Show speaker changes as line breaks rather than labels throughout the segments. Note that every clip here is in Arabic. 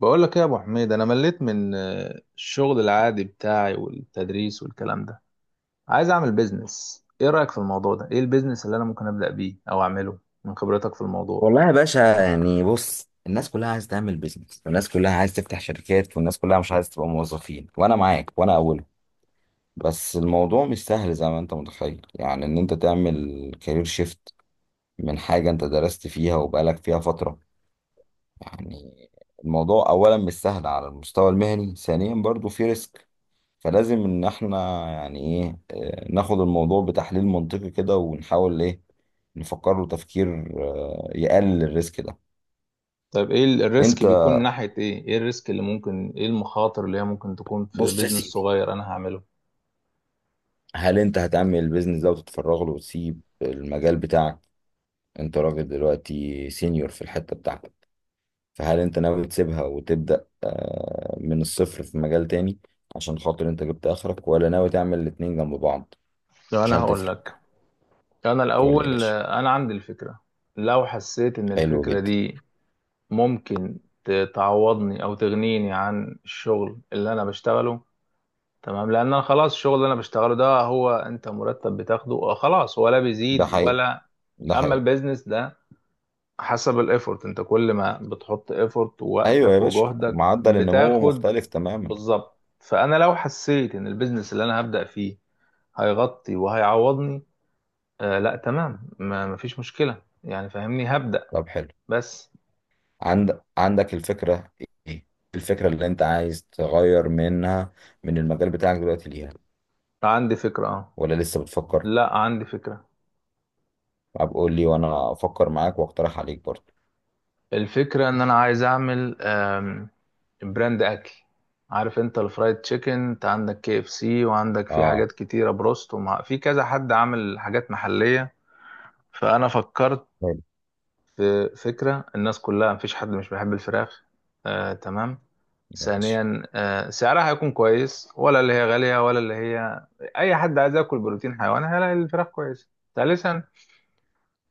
بقول لك ايه يا ابو حميد، انا مليت من الشغل العادي بتاعي والتدريس والكلام ده. عايز اعمل بيزنس. ايه رايك في الموضوع ده؟ ايه البيزنس اللي انا ممكن ابدا بيه او اعمله من خبرتك في الموضوع؟
والله يا باشا، يعني بص، الناس كلها عايزه تعمل بيزنس، والناس كلها عايزه تفتح شركات، والناس كلها مش عايزه تبقى موظفين، وانا معاك وانا اولهم. بس الموضوع مش سهل زي ما انت متخيل، يعني ان انت تعمل كارير شيفت من حاجه انت درست فيها وبقالك فيها فتره. يعني الموضوع اولا مش سهل على المستوى المهني، ثانيا برضو في ريسك. فلازم ان احنا يعني ايه، ناخد الموضوع بتحليل منطقي كده ونحاول ايه، نفكر له تفكير يقلل الريسك ده.
طيب، ايه الريسك
انت
بيكون من ناحيه ايه الريسك اللي ممكن، ايه المخاطر اللي هي ممكن تكون في
بص يا
بيزنس
سيدي،
صغير انا هعمله؟
هل انت هتعمل البيزنس ده وتتفرغ له وتسيب المجال بتاعك؟ انت راجل دلوقتي سينيور في الحتة بتاعتك، فهل انت ناوي تسيبها وتبدأ من الصفر في مجال تاني عشان خاطر انت جبت اخرك، ولا ناوي تعمل الاتنين جنب بعض
لو انا
عشان
هقول
تفرق؟
لك، انا
قول لي يا
الاول،
باشا.
انا عندي الفكره. لو حسيت ان
حلو
الفكره
جدا.
دي ممكن تعوضني او تغنيني عن الشغل اللي انا بشتغله. تمام. لان انا خلاص الشغل اللي انا بشتغله ده، هو انت مرتب بتاخده خلاص، ولا
ده
بيزيد
حقيقي،
ولا.
ده
اما
حقيقي.
البيزنس ده، حسب الايفورت. انت كل ما بتحط ايفورت
ايوه يا
ووقتك
باشا،
وجهدك
معدل النمو
بتاخد.
مختلف تماما.
بالظبط، فانا لو حسيت ان البيزنس اللي انا هبدأ فيه هيغطي وهيعوضني، لا تمام، ما مفيش مشكلة يعني، فاهمني، هبدأ
طب حلو.
بس.
عندك الفكرة؟ ايه الفكرة اللي انت عايز تغير منها، من المجال بتاعك دلوقتي ليها؟
عندي فكرة، اه.
ولا لسه بتفكر؟
لا، عندي فكرة.
طب قول لي وانا افكر معاك واقترح عليك برضه.
الفكرة ان انا عايز اعمل براند اكل. عارف انت الفرايد تشيكن؟ انت عندك كي اف سي، وعندك في
اه.
حاجات كتيرة، بروست، ومع، في كذا حد عامل حاجات محلية. فانا فكرت
حلو.
في فكرة. الناس كلها، مفيش حد مش بيحب الفراخ. آه تمام.
ماشي.
ثانيا، سعرها هيكون كويس، ولا اللي هي غالية، ولا اللي هي. اي حد عايز ياكل بروتين حيواني هيلاقي الفراخ كويسة. ثالثا،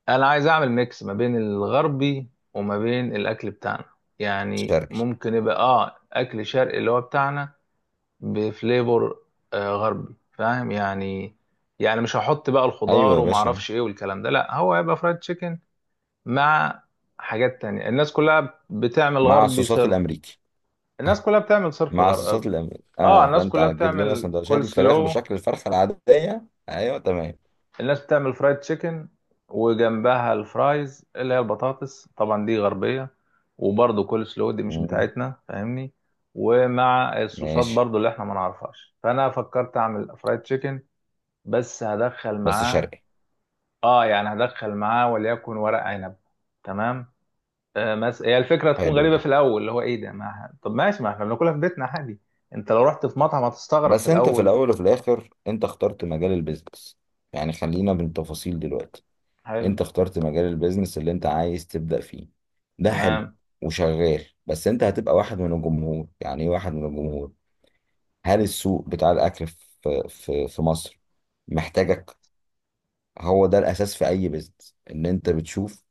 انا عايز اعمل ميكس ما بين الغربي وما بين الاكل بتاعنا. يعني
شرقي.
ممكن يبقى اكل شرقي اللي هو بتاعنا، بفليفر غربي، فاهم يعني. يعني مش هحط بقى
ايوه
الخضار
يا
وما
باشا.
اعرفش ايه والكلام ده، لا، هو هيبقى فرايد تشيكن مع حاجات تانية. الناس كلها بتعمل
مع
غربي
الصوصات
صرف.
الامريكي.
الناس كلها بتعمل صرف
مع الصوصات
غربي.
الامريكي،
اه.
اه.
الناس
فانت
كلها
هتجيب لنا
بتعمل
سندوتشات
كول
الفراخ
سلو.
بشكل الفرخه العاديه. ايوه تمام.
الناس بتعمل فرايد تشيكن، وجنبها الفرايز اللي هي البطاطس، طبعا دي غربية. وبرضه كول سلو دي مش
مم.
بتاعتنا، فاهمني. ومع الصوصات
ماشي.
برضه اللي احنا ما نعرفهاش. فانا فكرت اعمل فرايد تشيكن، بس هدخل
بس
معاه.
شرقي.
اه، يعني هدخل معاه وليكن ورق عنب. تمام. هي الفكرة تكون
حلو
غريبة
ده.
في الاول، اللي هو ايه ده؟ ما... طب ماشي، ما احنا بناكلها في بيتنا عادي. انت لو رحت في مطعم هتستغرب في
بس انت في
الاول.
الاول وفي الاخر انت اخترت مجال البيزنس. يعني خلينا بالتفاصيل دلوقتي،
حلو.
انت اخترت مجال البيزنس اللي انت عايز تبدأ فيه، ده حلو.
تمام.
وشغال. بس انت هتبقى واحد من الجمهور، يعني ايه واحد من الجمهور؟ هل السوق بتاع الاكل في مصر محتاجك؟ هو ده الاساس في اي بيزنس، ان انت بتشوف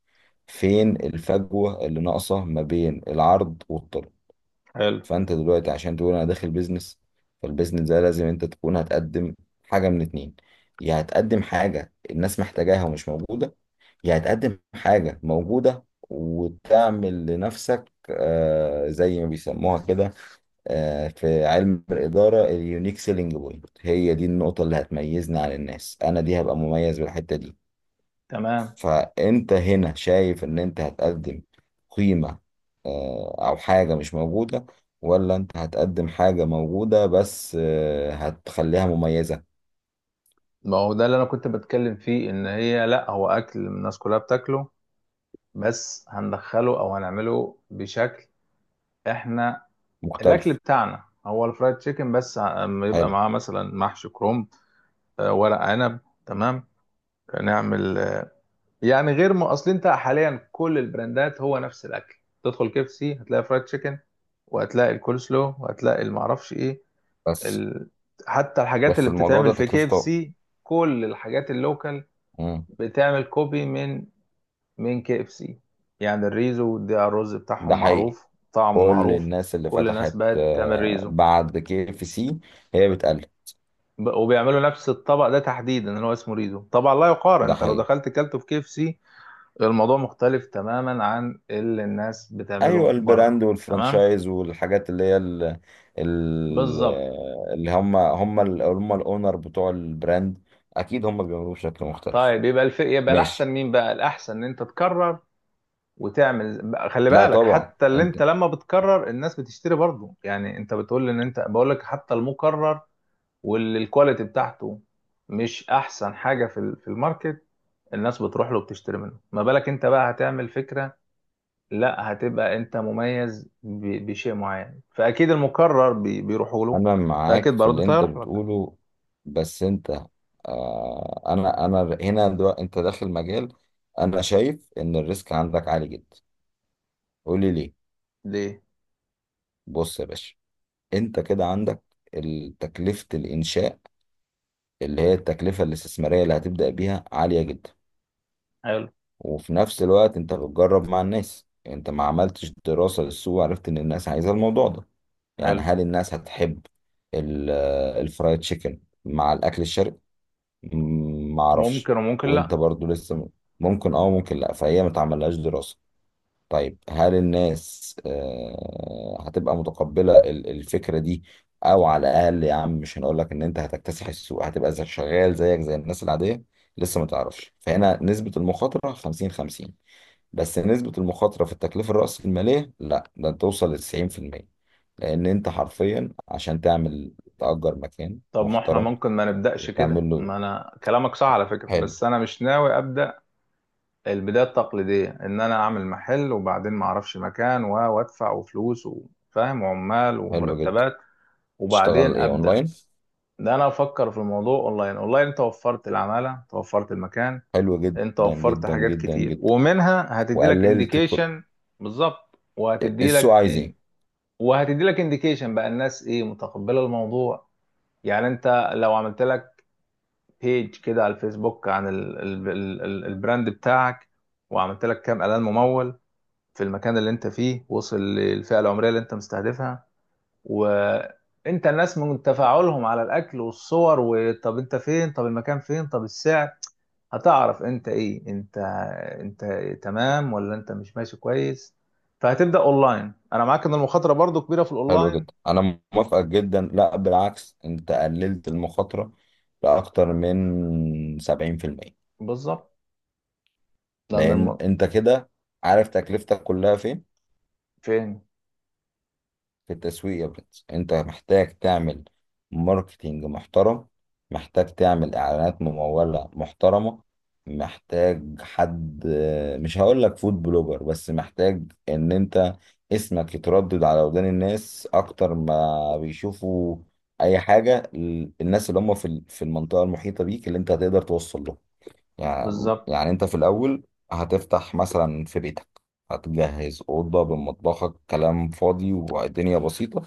فين الفجوة اللي ناقصة ما بين العرض والطلب.
حلو.
فانت دلوقتي عشان تقول انا داخل بيزنس، فالبيزنس ده لازم انت تكون هتقدم حاجة من اتنين: يا هتقدم حاجة الناس محتاجاها ومش موجودة، يعني تقدم حاجة موجودة وتعمل لنفسك آه زي ما بيسموها كده، آه في علم الإدارة، اليونيك سيلينج بوينت، هي دي النقطة اللي هتميزني عن الناس، أنا دي هبقى مميز بالحتة دي.
تمام.
فأنت هنا شايف إن أنت هتقدم قيمة، آه أو حاجة مش موجودة، ولا أنت هتقدم حاجة موجودة بس آه هتخليها مميزة؟
ما هو ده اللي انا كنت بتكلم فيه، ان هي لا، هو اكل الناس كلها بتاكله، بس هندخله او هنعمله بشكل. احنا، الاكل
مختلف.
بتاعنا هو الفرايد تشيكن، بس أما يبقى
حلو.
معاه مثلا محشي كرنب، ورق عنب. تمام. نعمل، يعني غير ما اصل، انت حاليا كل البراندات هو نفس الاكل. تدخل كيف سي، هتلاقي فرايد تشيكن، وهتلاقي الكول سلو، وهتلاقي المعرفش ايه
بس
ال... حتى الحاجات
بس
اللي
الموضوع
بتتعمل
ده
في كيف
تكلفته.
سي، كل الحاجات اللوكال
مم.
بتعمل كوبي من كي اف سي. يعني الريزو ده، الرز
ده
بتاعهم
حقيقي.
معروف، طعمه
كل
معروف.
الناس اللي
كل الناس
فتحت
بقت تعمل ريزو
بعد كي اف سي هي بتقلب.
وبيعملوا نفس الطبق ده تحديدا اللي هو اسمه ريزو. طبعا لا يقارن،
ده
انت لو
حقيقي.
دخلت كلته في كي اف سي، الموضوع مختلف تماما عن اللي الناس
ايوه،
بتعمله
البراند
بره. تمام.
والفرانشايز والحاجات اللي هي ال-
بالظبط.
اللي هم الاونر بتوع البراند، اكيد هم بيعملوه بشكل مختلف.
طيب، يبقى الاحسن؟
ماشي.
مين بقى الاحسن، ان انت تكرر وتعمل بقى، خلي
لا
بالك
طبعا
حتى اللي
انت،
انت لما بتكرر الناس بتشتري برضه، يعني انت بتقول ان انت، بقول لك حتى المكرر والكواليتي بتاعته مش احسن حاجه في في الماركت، الناس بتروح له وبتشتري منه. ما بالك انت بقى هتعمل فكره، لا، هتبقى انت مميز بشيء معين، فاكيد المكرر بيروحوا له،
انا
فاكيد
معاك في
برضه
اللي
انت
انت
هيروح لك.
بتقوله. بس انت، آه، انا هنا دلوقتي انت داخل مجال، انا شايف ان الريسك عندك عالي جدا. قولي ليه.
ليه؟
بص يا باشا، انت كده عندك تكلفة الانشاء، اللي هي التكلفة الاستثمارية اللي هتبدأ بيها عالية جدا.
حلو.
وفي نفس الوقت انت بتجرب مع الناس، انت ما عملتش دراسة للسوق وعرفت ان الناس عايزة الموضوع ده. يعني
حلو.
هل الناس هتحب ال- الفرايد تشيكن مع الاكل الشرقي؟ ما اعرفش.
ممكن وممكن
وانت
لا.
برضو لسه ممكن اه ممكن لا، فهي ما تعملهاش دراسة. طيب هل الناس هتبقى متقبلة الفكرة دي؟ او على الاقل يا عم، مش هنقول لك ان انت هتكتسح السوق، هتبقى زي شغال زيك زي الناس العادية، لسه ما تعرفش. فهنا نسبة المخاطرة 50 50. بس نسبة المخاطرة في التكلفة الرأسمالية لا، ده انت توصل ل 90%، لان انت حرفيا عشان تعمل تأجر مكان
طب ما احنا
محترم
ممكن ما نبداش كده،
وتعمل له.
ما انا كلامك صح على فكره،
حلو.
بس انا مش ناوي ابدا البدايه التقليديه، ان انا اعمل محل وبعدين ما اعرفش مكان وادفع وفلوس وفاهم وعمال
حلو جدا.
ومرتبات
تشتغل
وبعدين
ايه؟
ابدا.
اونلاين.
ده انا افكر في الموضوع اونلاين. اونلاين انت وفرت العماله، انت وفرت المكان،
حلو
انت
جدا
وفرت
جدا
حاجات
جدا
كتير،
جدا
ومنها هتدي لك
وقللت
انديكيشن. بالظبط، وهتدي لك،
السوق عايز ايه.
وهتدي لك انديكيشن بقى الناس ايه، متقبله الموضوع. يعني انت لو عملت لك بيج كده على الفيسبوك عن ال البراند بتاعك، وعملت لك كام اعلان ممول في المكان اللي انت فيه، وصل للفئه العمريه اللي انت مستهدفها، وانت الناس من تفاعلهم على الاكل والصور، وطب انت فين، طب المكان فين، طب السعر، هتعرف انت ايه، انت تمام ولا انت مش ماشي كويس. فهتبدأ اونلاين، انا معاك ان المخاطرة برضو كبيرة في
حلو جدا،
الاونلاين.
انا موافقك جدا، لا بالعكس، انت قللت المخاطره لاكتر من 70%.
بالظبط. لان
لان انت كده عارف تكلفتك كلها فين؟
فين.
في التسويق يا برنس. انت محتاج تعمل ماركتينج محترم، محتاج تعمل اعلانات ممولة محترمة، محتاج حد، مش هقول لك فود بلوجر، بس محتاج ان انت اسمك يتردد على ودان الناس اكتر ما بيشوفوا اي حاجة. الناس اللي هم في في المنطقة المحيطة بيك اللي انت هتقدر توصل لهم. يعني
بالظبط.
يعني انت في الاول هتفتح مثلا في بيتك، هتجهز اوضه بمطبخك، كلام فاضي والدنيا بسيطه،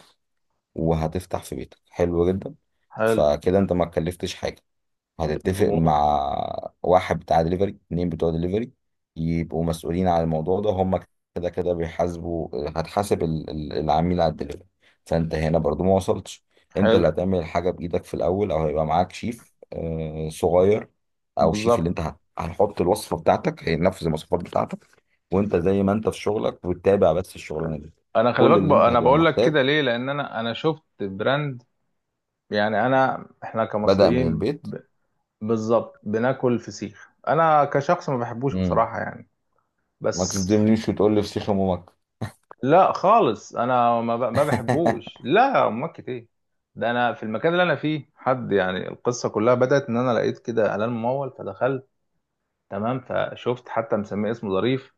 وهتفتح في بيتك. حلو جدا.
حلو.
فكده انت ما اتكلفتش حاجه. هتتفق
مظبوط.
مع واحد بتاع دليفري، اتنين بتوع دليفري، يبقوا مسؤولين على الموضوع ده. هم كده كده بيحاسبوا، هتحاسب العميل على الدليفري. فانت هنا برضو ما وصلتش. انت
حلو.
اللي هتعمل الحاجة بإيدك في الأول، أو هيبقى معاك شيف صغير، أو شيف اللي
بالظبط.
انت هنحط الوصفة بتاعتك هينفذ المواصفات بتاعتك. وانت زي ما انت في شغلك بتتابع، بس الشغلانة دي
انا خلي
كل
بالك
اللي انت
انا
هتبقى
بقول لك
محتاج،
كده ليه، لان انا شفت براند. يعني احنا
بدأ من
كمصريين،
البيت.
بالظبط بناكل فسيخ. انا كشخص ما بحبوش
مم.
بصراحه يعني،
ما
بس
تصدمنيش وتقول لي فسيخ أم امك.
لا خالص، انا ما بحبوش. لا، امك ايه. ده انا في المكان اللي انا فيه حد، يعني القصه كلها بدات ان انا لقيت كده اعلان ممول فدخلت. تمام. فشفت حتى مسميه اسمه ظريف.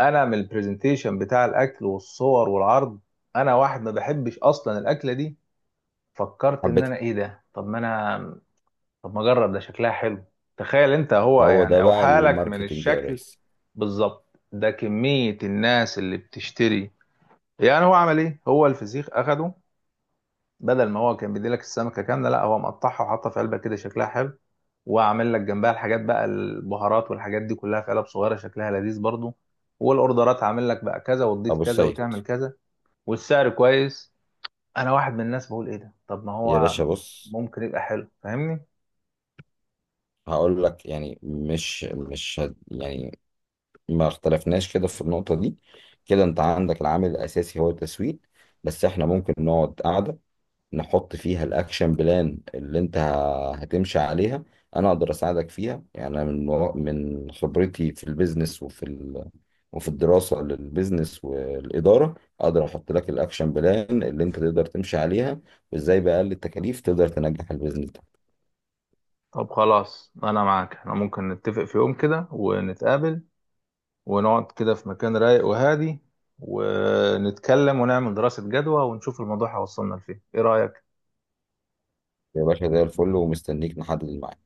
انا من البرزنتيشن بتاع الاكل والصور والعرض، انا واحد ما بحبش اصلا الاكله دي، فكرت ان
حبيتها.
انا ايه ده. طب ما انا، طب ما اجرب، ده شكلها حلو. تخيل انت هو،
هو ده
يعني او
بقى
حالك من
الماركتنج يا
الشكل.
ريس.
بالظبط. ده كمية الناس اللي بتشتري. يعني هو عمل ايه؟ هو الفسيخ اخده، بدل ما هو كان بيديلك السمكة كاملة، لا، هو مقطعها وحاطها في علبة كده شكلها حلو، وعامل لك جنبها الحاجات بقى، البهارات والحاجات دي كلها في علب صغيرة شكلها لذيذ برضو، والاوردرات عامل لك بقى كذا وتضيف
ابو
كذا
السيد.
وتعمل كذا. والسعر كويس. انا واحد من الناس بقول ايه ده، طب ما
يا
هو
باشا بص،
ممكن يبقى حلو، فاهمني.
هقول لك، يعني مش هد يعني، ما اختلفناش كده في النقطة دي. كده انت عندك العامل الاساسي هو التسويق. بس احنا ممكن نقعد قعدة نحط فيها الاكشن بلان اللي انت هتمشي عليها. انا اقدر اساعدك فيها، يعني أنا من من خبرتي في البيزنس وفي وفي الدراسة للبيزنس والإدارة، أقدر أحط لك الأكشن بلان اللي أنت تقدر تمشي عليها، وإزاي بأقل التكاليف تقدر تنجح البيزنس ده.
طب خلاص، انا معاك. احنا ممكن نتفق في يوم كده ونتقابل، ونقعد كده في مكان رايق وهادي، ونتكلم ونعمل دراسة جدوى ونشوف الموضوع هيوصلنا لفين. ايه رأيك؟
يا باشا زي الفل، ومستنيك نحدد الميعاد.